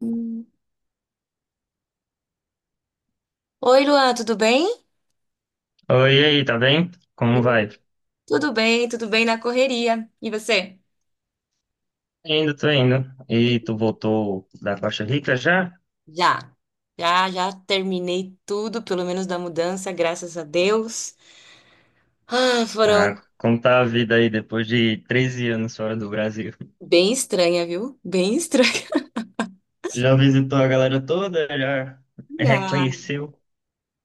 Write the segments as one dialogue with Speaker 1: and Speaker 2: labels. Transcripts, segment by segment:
Speaker 1: Hum. Oi, Luan, tudo bem?
Speaker 2: Oi, e aí, tá bem? Como
Speaker 1: Hum.
Speaker 2: vai? Tô
Speaker 1: Tudo bem na correria. E você?
Speaker 2: indo, tô indo. E tu voltou da Costa Rica já?
Speaker 1: Já, já, já terminei tudo, pelo menos da mudança, graças a Deus. Ah, foram
Speaker 2: Ah, como tá a vida aí depois de 13 anos fora do Brasil?
Speaker 1: bem estranha, viu? Bem estranha.
Speaker 2: Já visitou a galera toda? Já
Speaker 1: Ah,
Speaker 2: reconheceu?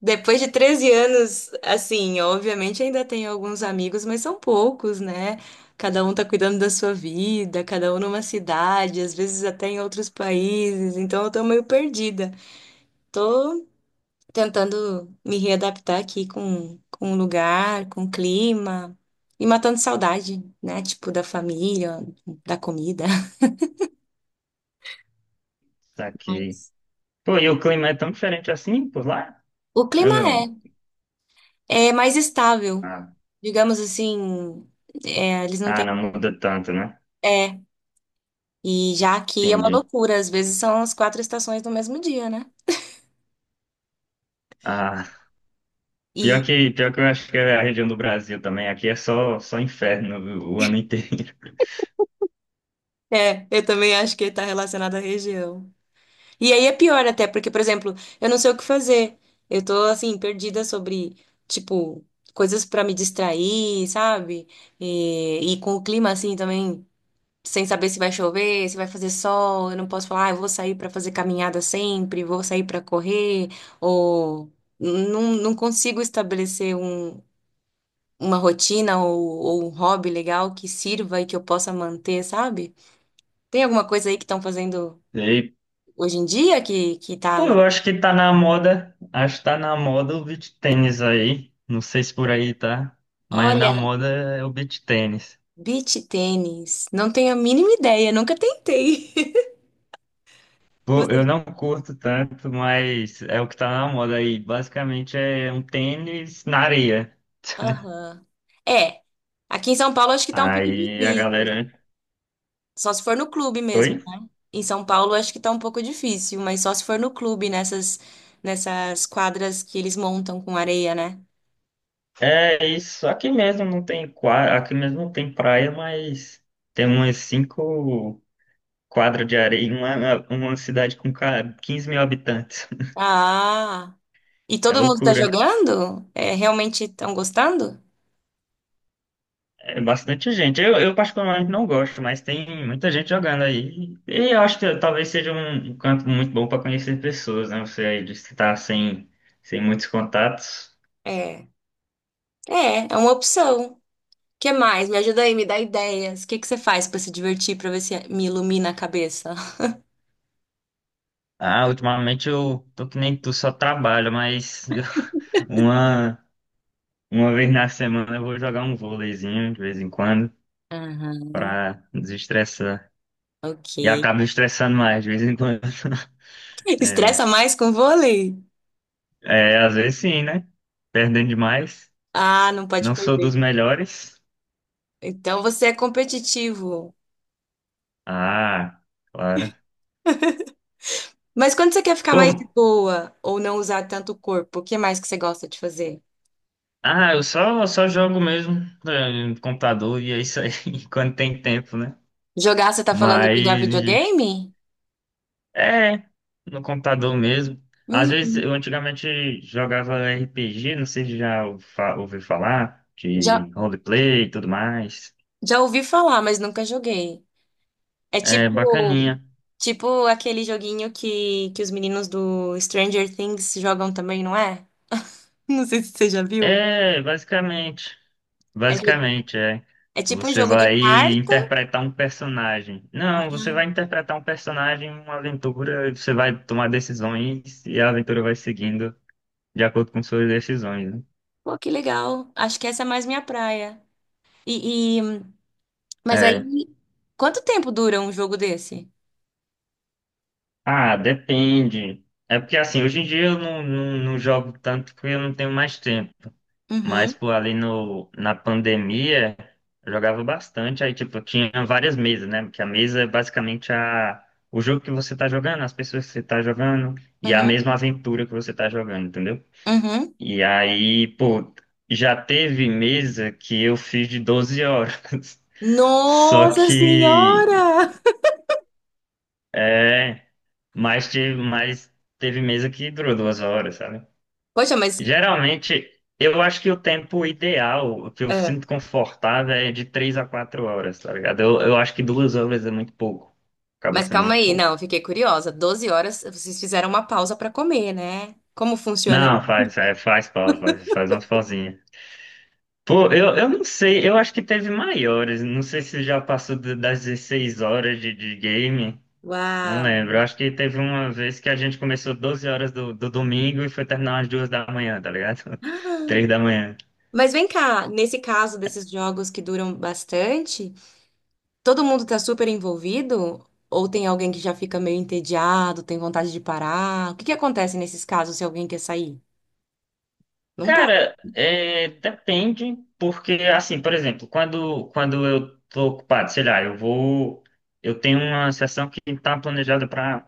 Speaker 1: depois de 13 anos, assim, obviamente ainda tenho alguns amigos, mas são poucos, né? Cada um tá cuidando da sua vida, cada um numa cidade, às vezes até em outros países, então eu tô meio perdida. Tô tentando me readaptar aqui com o lugar, com o clima e matando saudade, né? Tipo, da família, da comida.
Speaker 2: Saquei.
Speaker 1: Mas
Speaker 2: Pô, e o clima é tão diferente assim por lá?
Speaker 1: o clima
Speaker 2: Eu-
Speaker 1: é mais estável,
Speaker 2: Ah,
Speaker 1: digamos assim, é, eles não
Speaker 2: ah,
Speaker 1: têm.
Speaker 2: não muda tanto, né?
Speaker 1: É, e já aqui é uma
Speaker 2: Entendi.
Speaker 1: loucura, às vezes são as quatro estações no mesmo dia, né?
Speaker 2: Ah,
Speaker 1: E
Speaker 2: pior que eu acho que é a região do Brasil também. Aqui é só inferno o ano inteiro.
Speaker 1: eu também acho que está relacionado à região. E aí é pior até, porque, por exemplo, eu não sei o que fazer. Eu tô, assim, perdida sobre, tipo, coisas pra me distrair, sabe? E com o clima, assim, também, sem saber se vai chover, se vai fazer sol. Eu não posso falar, ah, eu vou sair pra fazer caminhada sempre, vou sair pra correr, ou não, não consigo estabelecer uma rotina ou um hobby legal que sirva e que eu possa manter, sabe? Tem alguma coisa aí que estão fazendo
Speaker 2: E
Speaker 1: hoje em dia que tá
Speaker 2: Pô,
Speaker 1: na.
Speaker 2: eu acho que tá na moda, acho que tá na moda o beach tênis aí. Não sei se por aí tá, mas na
Speaker 1: Olha,
Speaker 2: moda é o beach tênis.
Speaker 1: beach tênis? Não tenho a mínima ideia, nunca tentei.
Speaker 2: Pô,
Speaker 1: Você...
Speaker 2: eu não curto tanto, mas é o que tá na moda aí. Basicamente é um tênis na areia.
Speaker 1: Aham. É, aqui em São Paulo acho que tá um pouco
Speaker 2: Aí a
Speaker 1: difícil.
Speaker 2: galera.
Speaker 1: Só se for no clube
Speaker 2: Oi?
Speaker 1: mesmo, né? Em São Paulo acho que tá um pouco difícil, mas só se for no clube, nessas quadras que eles montam com areia, né?
Speaker 2: É isso, aqui mesmo não tem quadra, aqui mesmo não tem praia, mas tem umas cinco quadras de areia, uma cidade com 15 mil habitantes.
Speaker 1: Ah, e
Speaker 2: É
Speaker 1: todo mundo tá
Speaker 2: loucura.
Speaker 1: jogando? É, realmente estão gostando?
Speaker 2: É bastante gente. Eu particularmente não gosto, mas tem muita gente jogando aí. E eu acho que talvez seja um canto muito bom para conhecer pessoas, né? Você aí disse que tá sem muitos contatos.
Speaker 1: É, é, é uma opção. O que mais? Me ajuda aí, me dá ideias. O que que você faz pra se divertir, pra ver se me ilumina a cabeça?
Speaker 2: Ah, ultimamente eu tô que nem tu, só trabalho, mas uma, uma vez na semana eu vou jogar um vôleizinho de vez em quando para desestressar. E
Speaker 1: Ok.
Speaker 2: acabo estressando mais de vez em quando. É,
Speaker 1: Estressa mais com vôlei?
Speaker 2: é, às vezes sim, né? Perdendo demais.
Speaker 1: Ah, não pode
Speaker 2: Não sou dos
Speaker 1: perder.
Speaker 2: melhores.
Speaker 1: Então você é competitivo.
Speaker 2: Ah, claro.
Speaker 1: Mas quando você quer ficar
Speaker 2: Pô,
Speaker 1: mais de boa ou não usar tanto o corpo, o que mais que você gosta de fazer?
Speaker 2: ah, eu só jogo mesmo no computador e é isso aí, quando tem tempo, né?
Speaker 1: Jogar, você tá falando de
Speaker 2: Mas
Speaker 1: jogar videogame?
Speaker 2: é no computador mesmo. Às vezes
Speaker 1: Uhum.
Speaker 2: eu antigamente jogava RPG, não sei se ouviu falar,
Speaker 1: Já,
Speaker 2: de roleplay e tudo mais.
Speaker 1: já ouvi falar, mas nunca joguei. É
Speaker 2: É
Speaker 1: tipo,
Speaker 2: bacaninha.
Speaker 1: tipo aquele joguinho que os meninos do Stranger Things jogam também, não é? Não sei se você já viu.
Speaker 2: É, basicamente.
Speaker 1: É, jo-
Speaker 2: Basicamente, é.
Speaker 1: é tipo um
Speaker 2: Você
Speaker 1: jogo de
Speaker 2: vai
Speaker 1: carta.
Speaker 2: interpretar um personagem. Não, você vai interpretar um personagem em uma aventura, e você vai tomar decisões e a aventura vai seguindo de acordo com suas decisões, né?
Speaker 1: Pô, que legal. Acho que essa é mais minha praia. E, e- mas
Speaker 2: É.
Speaker 1: aí, quanto tempo dura um jogo desse?
Speaker 2: Ah, depende. É porque assim, hoje em dia eu não jogo tanto porque eu não tenho mais tempo. Mas,
Speaker 1: Uhum,
Speaker 2: pô, ali no, na pandemia, eu jogava bastante. Aí, tipo, tinha várias mesas, né? Porque a mesa é basicamente o jogo que você tá jogando, as pessoas que você tá jogando, e a
Speaker 1: uhum,
Speaker 2: mesma aventura que você tá jogando, entendeu?
Speaker 1: uhum.
Speaker 2: E aí, pô, já teve mesa que eu fiz de 12 horas. Só
Speaker 1: Nossa
Speaker 2: que,
Speaker 1: Senhora!
Speaker 2: é, mas teve mesa que durou 2 horas, sabe?
Speaker 1: Poxa, mas,
Speaker 2: Geralmente, eu acho que o tempo ideal, o que eu
Speaker 1: é,
Speaker 2: sinto confortável, é de 3 a 4 horas, tá ligado? Eu acho que 2 horas é muito pouco. Acaba
Speaker 1: mas
Speaker 2: sendo
Speaker 1: calma
Speaker 2: muito
Speaker 1: aí,
Speaker 2: pouco.
Speaker 1: não, eu fiquei curiosa. 12 horas, vocês fizeram uma pausa pra comer, né? Como funciona
Speaker 2: Não,
Speaker 1: isso?
Speaker 2: faz pausa, faz umas pausinhas. Pô, eu não sei, eu acho que teve maiores. Não sei se já passou das 16 horas de game. Não
Speaker 1: Uau!
Speaker 2: lembro. Eu acho que teve uma vez que a gente começou 12 horas do domingo e foi terminar às 2 da manhã, tá ligado? Três
Speaker 1: Ah,
Speaker 2: da manhã.
Speaker 1: mas vem cá, nesse caso desses jogos que duram bastante, todo mundo tá super envolvido? Ou tem alguém que já fica meio entediado, tem vontade de parar? O que que acontece nesses casos se alguém quer sair? Não pode.
Speaker 2: Cara, é, depende, porque assim, por exemplo, quando eu tô ocupado, sei lá, eu tenho uma sessão que tá planejada para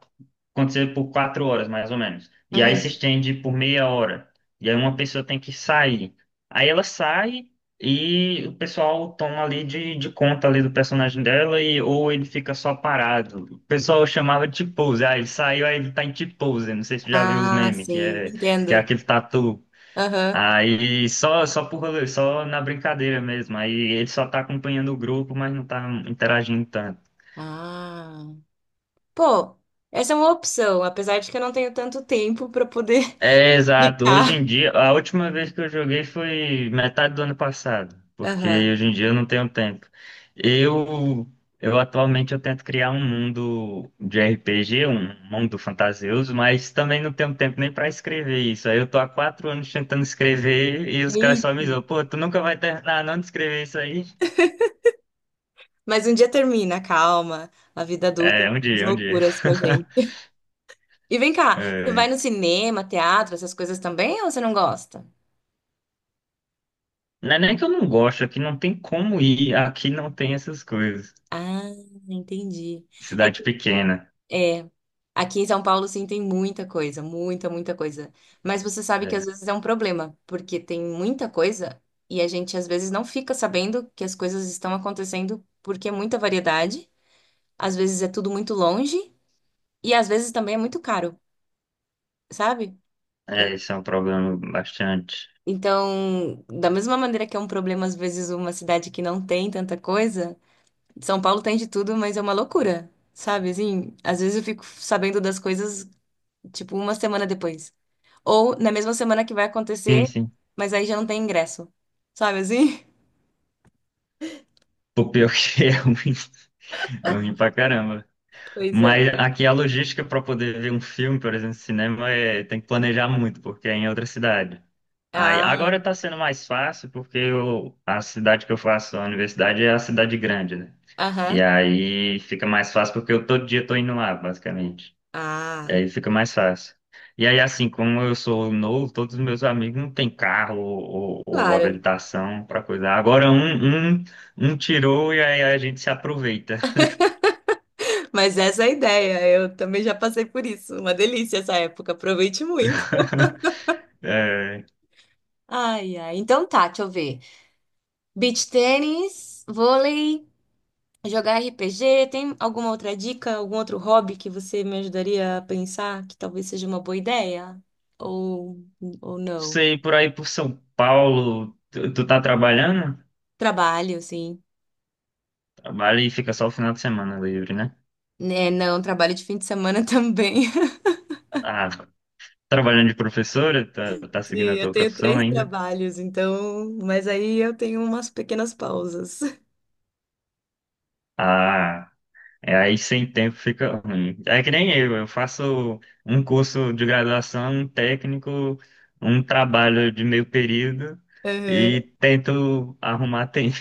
Speaker 2: acontecer por 4 horas, mais ou menos, e aí se
Speaker 1: Uhum.
Speaker 2: estende por meia hora, e aí uma pessoa tem que sair, aí ela sai e o pessoal toma ali de conta ali do personagem dela e ou ele fica só parado. O pessoal chamava de T-pose, ah, ele saiu, aí ele tá em T-pose, não sei se você já viu os
Speaker 1: Ah,
Speaker 2: memes, que
Speaker 1: sim,
Speaker 2: é que é
Speaker 1: entendo.
Speaker 2: aquele tatu.
Speaker 1: Aham.
Speaker 2: Aí só por rolê, só na brincadeira mesmo. Aí ele só tá acompanhando o grupo, mas não tá interagindo tanto.
Speaker 1: Ah. Pô, essa é uma opção, apesar de que eu não tenho tanto tempo para poder
Speaker 2: É, exato.
Speaker 1: ficar.
Speaker 2: Hoje em dia, a última vez que eu joguei foi metade do ano passado, porque
Speaker 1: Aham.
Speaker 2: hoje em dia eu não tenho tempo. Eu, eu atualmente eu tento criar um mundo de RPG, um mundo fantasioso, mas também não tenho tempo nem para escrever isso. Aí eu tô há 4 anos tentando escrever e os caras
Speaker 1: Ih,
Speaker 2: só me zoam, pô, tu nunca vai terminar não de escrever isso aí?
Speaker 1: mas um dia termina, calma. A vida adulta
Speaker 2: É, um
Speaker 1: faz
Speaker 2: dia, um dia.
Speaker 1: loucuras com a gente. E vem cá, você vai
Speaker 2: É,
Speaker 1: no cinema, teatro, essas coisas também, ou você não gosta?
Speaker 2: não é nem que eu não gosto, aqui não tem como ir, aqui não tem essas coisas.
Speaker 1: Ah, entendi.
Speaker 2: Cidade pequena.
Speaker 1: É, aqui em São Paulo sim tem muita coisa, muita, muita coisa. Mas você sabe que às
Speaker 2: É,
Speaker 1: vezes é um problema, porque tem muita coisa e a gente às vezes não fica sabendo que as coisas estão acontecendo porque é muita variedade, às vezes é tudo muito longe e às vezes também é muito caro, sabe?
Speaker 2: é,
Speaker 1: E-
Speaker 2: isso é um problema bastante.
Speaker 1: Então, da mesma maneira que é um problema às vezes uma cidade que não tem tanta coisa, São Paulo tem de tudo, mas é uma loucura, sabe? Assim, às vezes eu fico sabendo das coisas tipo uma semana depois. Ou na mesma semana que vai
Speaker 2: Sim,
Speaker 1: acontecer,
Speaker 2: sim.
Speaker 1: mas aí já não tem ingresso. Sabe assim?
Speaker 2: O pior que é ruim pra caramba.
Speaker 1: Pois é.
Speaker 2: Mas aqui a logística pra poder ver um filme, por exemplo, cinema, tem que planejar muito, porque é em outra cidade. Aí,
Speaker 1: Ah,
Speaker 2: agora tá sendo mais fácil, porque a cidade que eu faço a universidade é a cidade grande, né? E
Speaker 1: aham.
Speaker 2: aí fica mais fácil porque eu todo dia tô indo lá, basicamente. E
Speaker 1: Ah,
Speaker 2: aí fica mais fácil. E aí, assim, como eu sou novo, todos os meus amigos não têm carro ou
Speaker 1: claro.
Speaker 2: habilitação para coisar. Agora um tirou e aí a gente se aproveita.
Speaker 1: Mas essa é a ideia. Eu também já passei por isso. Uma delícia essa época. Aproveite muito.
Speaker 2: É, não
Speaker 1: Ai, ai. Então tá, deixa eu ver. Beach tênis, vôlei, jogar RPG. Tem alguma outra dica, algum outro hobby que você me ajudaria a pensar que talvez seja uma boa ideia? Ou, ou não?
Speaker 2: sei, por aí por São Paulo, tu tá trabalhando?
Speaker 1: Trabalho, sim.
Speaker 2: Trabalha e fica só o final de semana livre, né?
Speaker 1: É, não, trabalho de fim de semana também.
Speaker 2: Ah, trabalhando de professora? Tá, tá
Speaker 1: Sim,
Speaker 2: seguindo a
Speaker 1: eu
Speaker 2: tua
Speaker 1: tenho
Speaker 2: profissão
Speaker 1: três
Speaker 2: ainda?
Speaker 1: trabalhos, então. Mas aí eu tenho umas pequenas pausas.
Speaker 2: Ah. É, aí sem tempo fica ruim. É que nem eu faço um curso de graduação, um técnico, um trabalho de meio período e
Speaker 1: Uhum.
Speaker 2: tento arrumar tempo.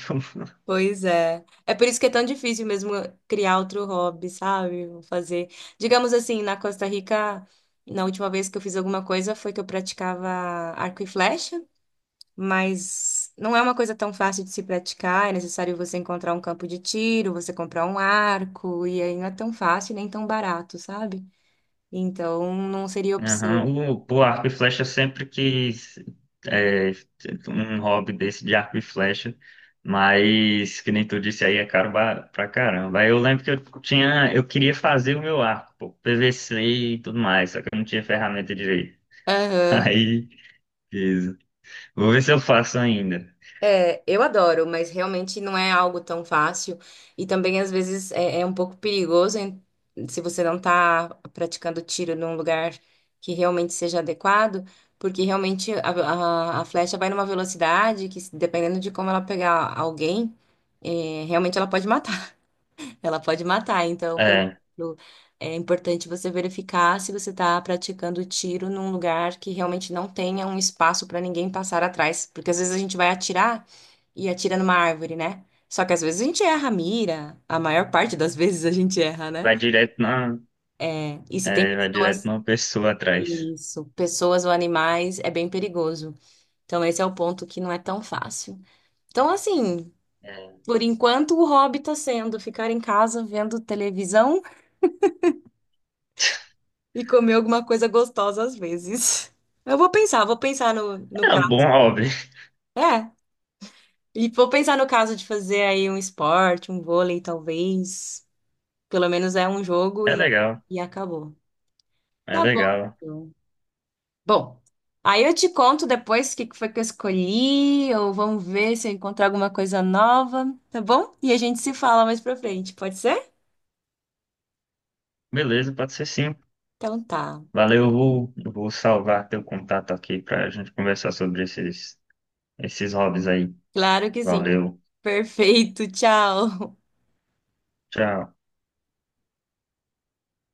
Speaker 1: Pois é. É por isso que é tão difícil mesmo criar outro hobby, sabe? Vou fazer. Digamos assim, na Costa Rica, na última vez que eu fiz alguma coisa foi que eu praticava arco e flecha, mas não é uma coisa tão fácil de se praticar. É necessário você encontrar um campo de tiro, você comprar um arco, e aí não é tão fácil nem tão barato, sabe? Então, não seria opção.
Speaker 2: Aham. O, pô, arco e flecha sempre quis é, um hobby desse de arco e flecha, mas que nem tu disse aí é caro pra caramba. Aí eu lembro que eu queria fazer o meu arco, pô, PVC e tudo mais, só que eu não tinha ferramenta direito.
Speaker 1: Aham.
Speaker 2: Aí vou ver se eu faço ainda.
Speaker 1: É, eu adoro, mas realmente não é algo tão fácil. E também, às vezes, é um pouco perigoso se você não tá praticando tiro num lugar que realmente seja adequado, porque realmente a flecha vai numa velocidade que, dependendo de como ela pegar alguém, é, realmente ela pode matar. Ela pode matar. Então, por
Speaker 2: É,
Speaker 1: exemplo, é importante você verificar se você está praticando tiro num lugar que realmente não tenha um espaço para ninguém passar atrás. Porque às vezes a gente vai atirar e atira numa árvore, né? Só que às vezes a gente erra a mira. A maior parte das vezes a gente erra, né?
Speaker 2: vai direto na,
Speaker 1: É, e se tem
Speaker 2: é, vai direto
Speaker 1: pessoas,
Speaker 2: na pessoa atrás.
Speaker 1: isso, pessoas ou animais, é bem perigoso. Então, esse é o ponto que não é tão fácil. Então, assim,
Speaker 2: É,
Speaker 1: por enquanto o hobby tá sendo ficar em casa vendo televisão e comer alguma coisa gostosa às vezes. Eu vou pensar no
Speaker 2: é um bom
Speaker 1: caso.
Speaker 2: hobby.
Speaker 1: É, e vou pensar no caso de fazer aí um esporte, um vôlei, talvez. Pelo menos é um jogo
Speaker 2: É
Speaker 1: e,
Speaker 2: legal,
Speaker 1: e acabou.
Speaker 2: é
Speaker 1: Tá bom.
Speaker 2: legal.
Speaker 1: Então. Bom, aí eu te conto depois o que que foi que eu escolhi, ou vamos ver se eu encontro alguma coisa nova, tá bom? E a gente se fala mais pra frente, pode ser?
Speaker 2: Beleza, pode ser sim.
Speaker 1: Então tá.
Speaker 2: Valeu, eu vou salvar teu contato aqui pra gente conversar sobre esses hobbies aí.
Speaker 1: Claro que sim.
Speaker 2: Valeu,
Speaker 1: Perfeito, tchau.
Speaker 2: tchau.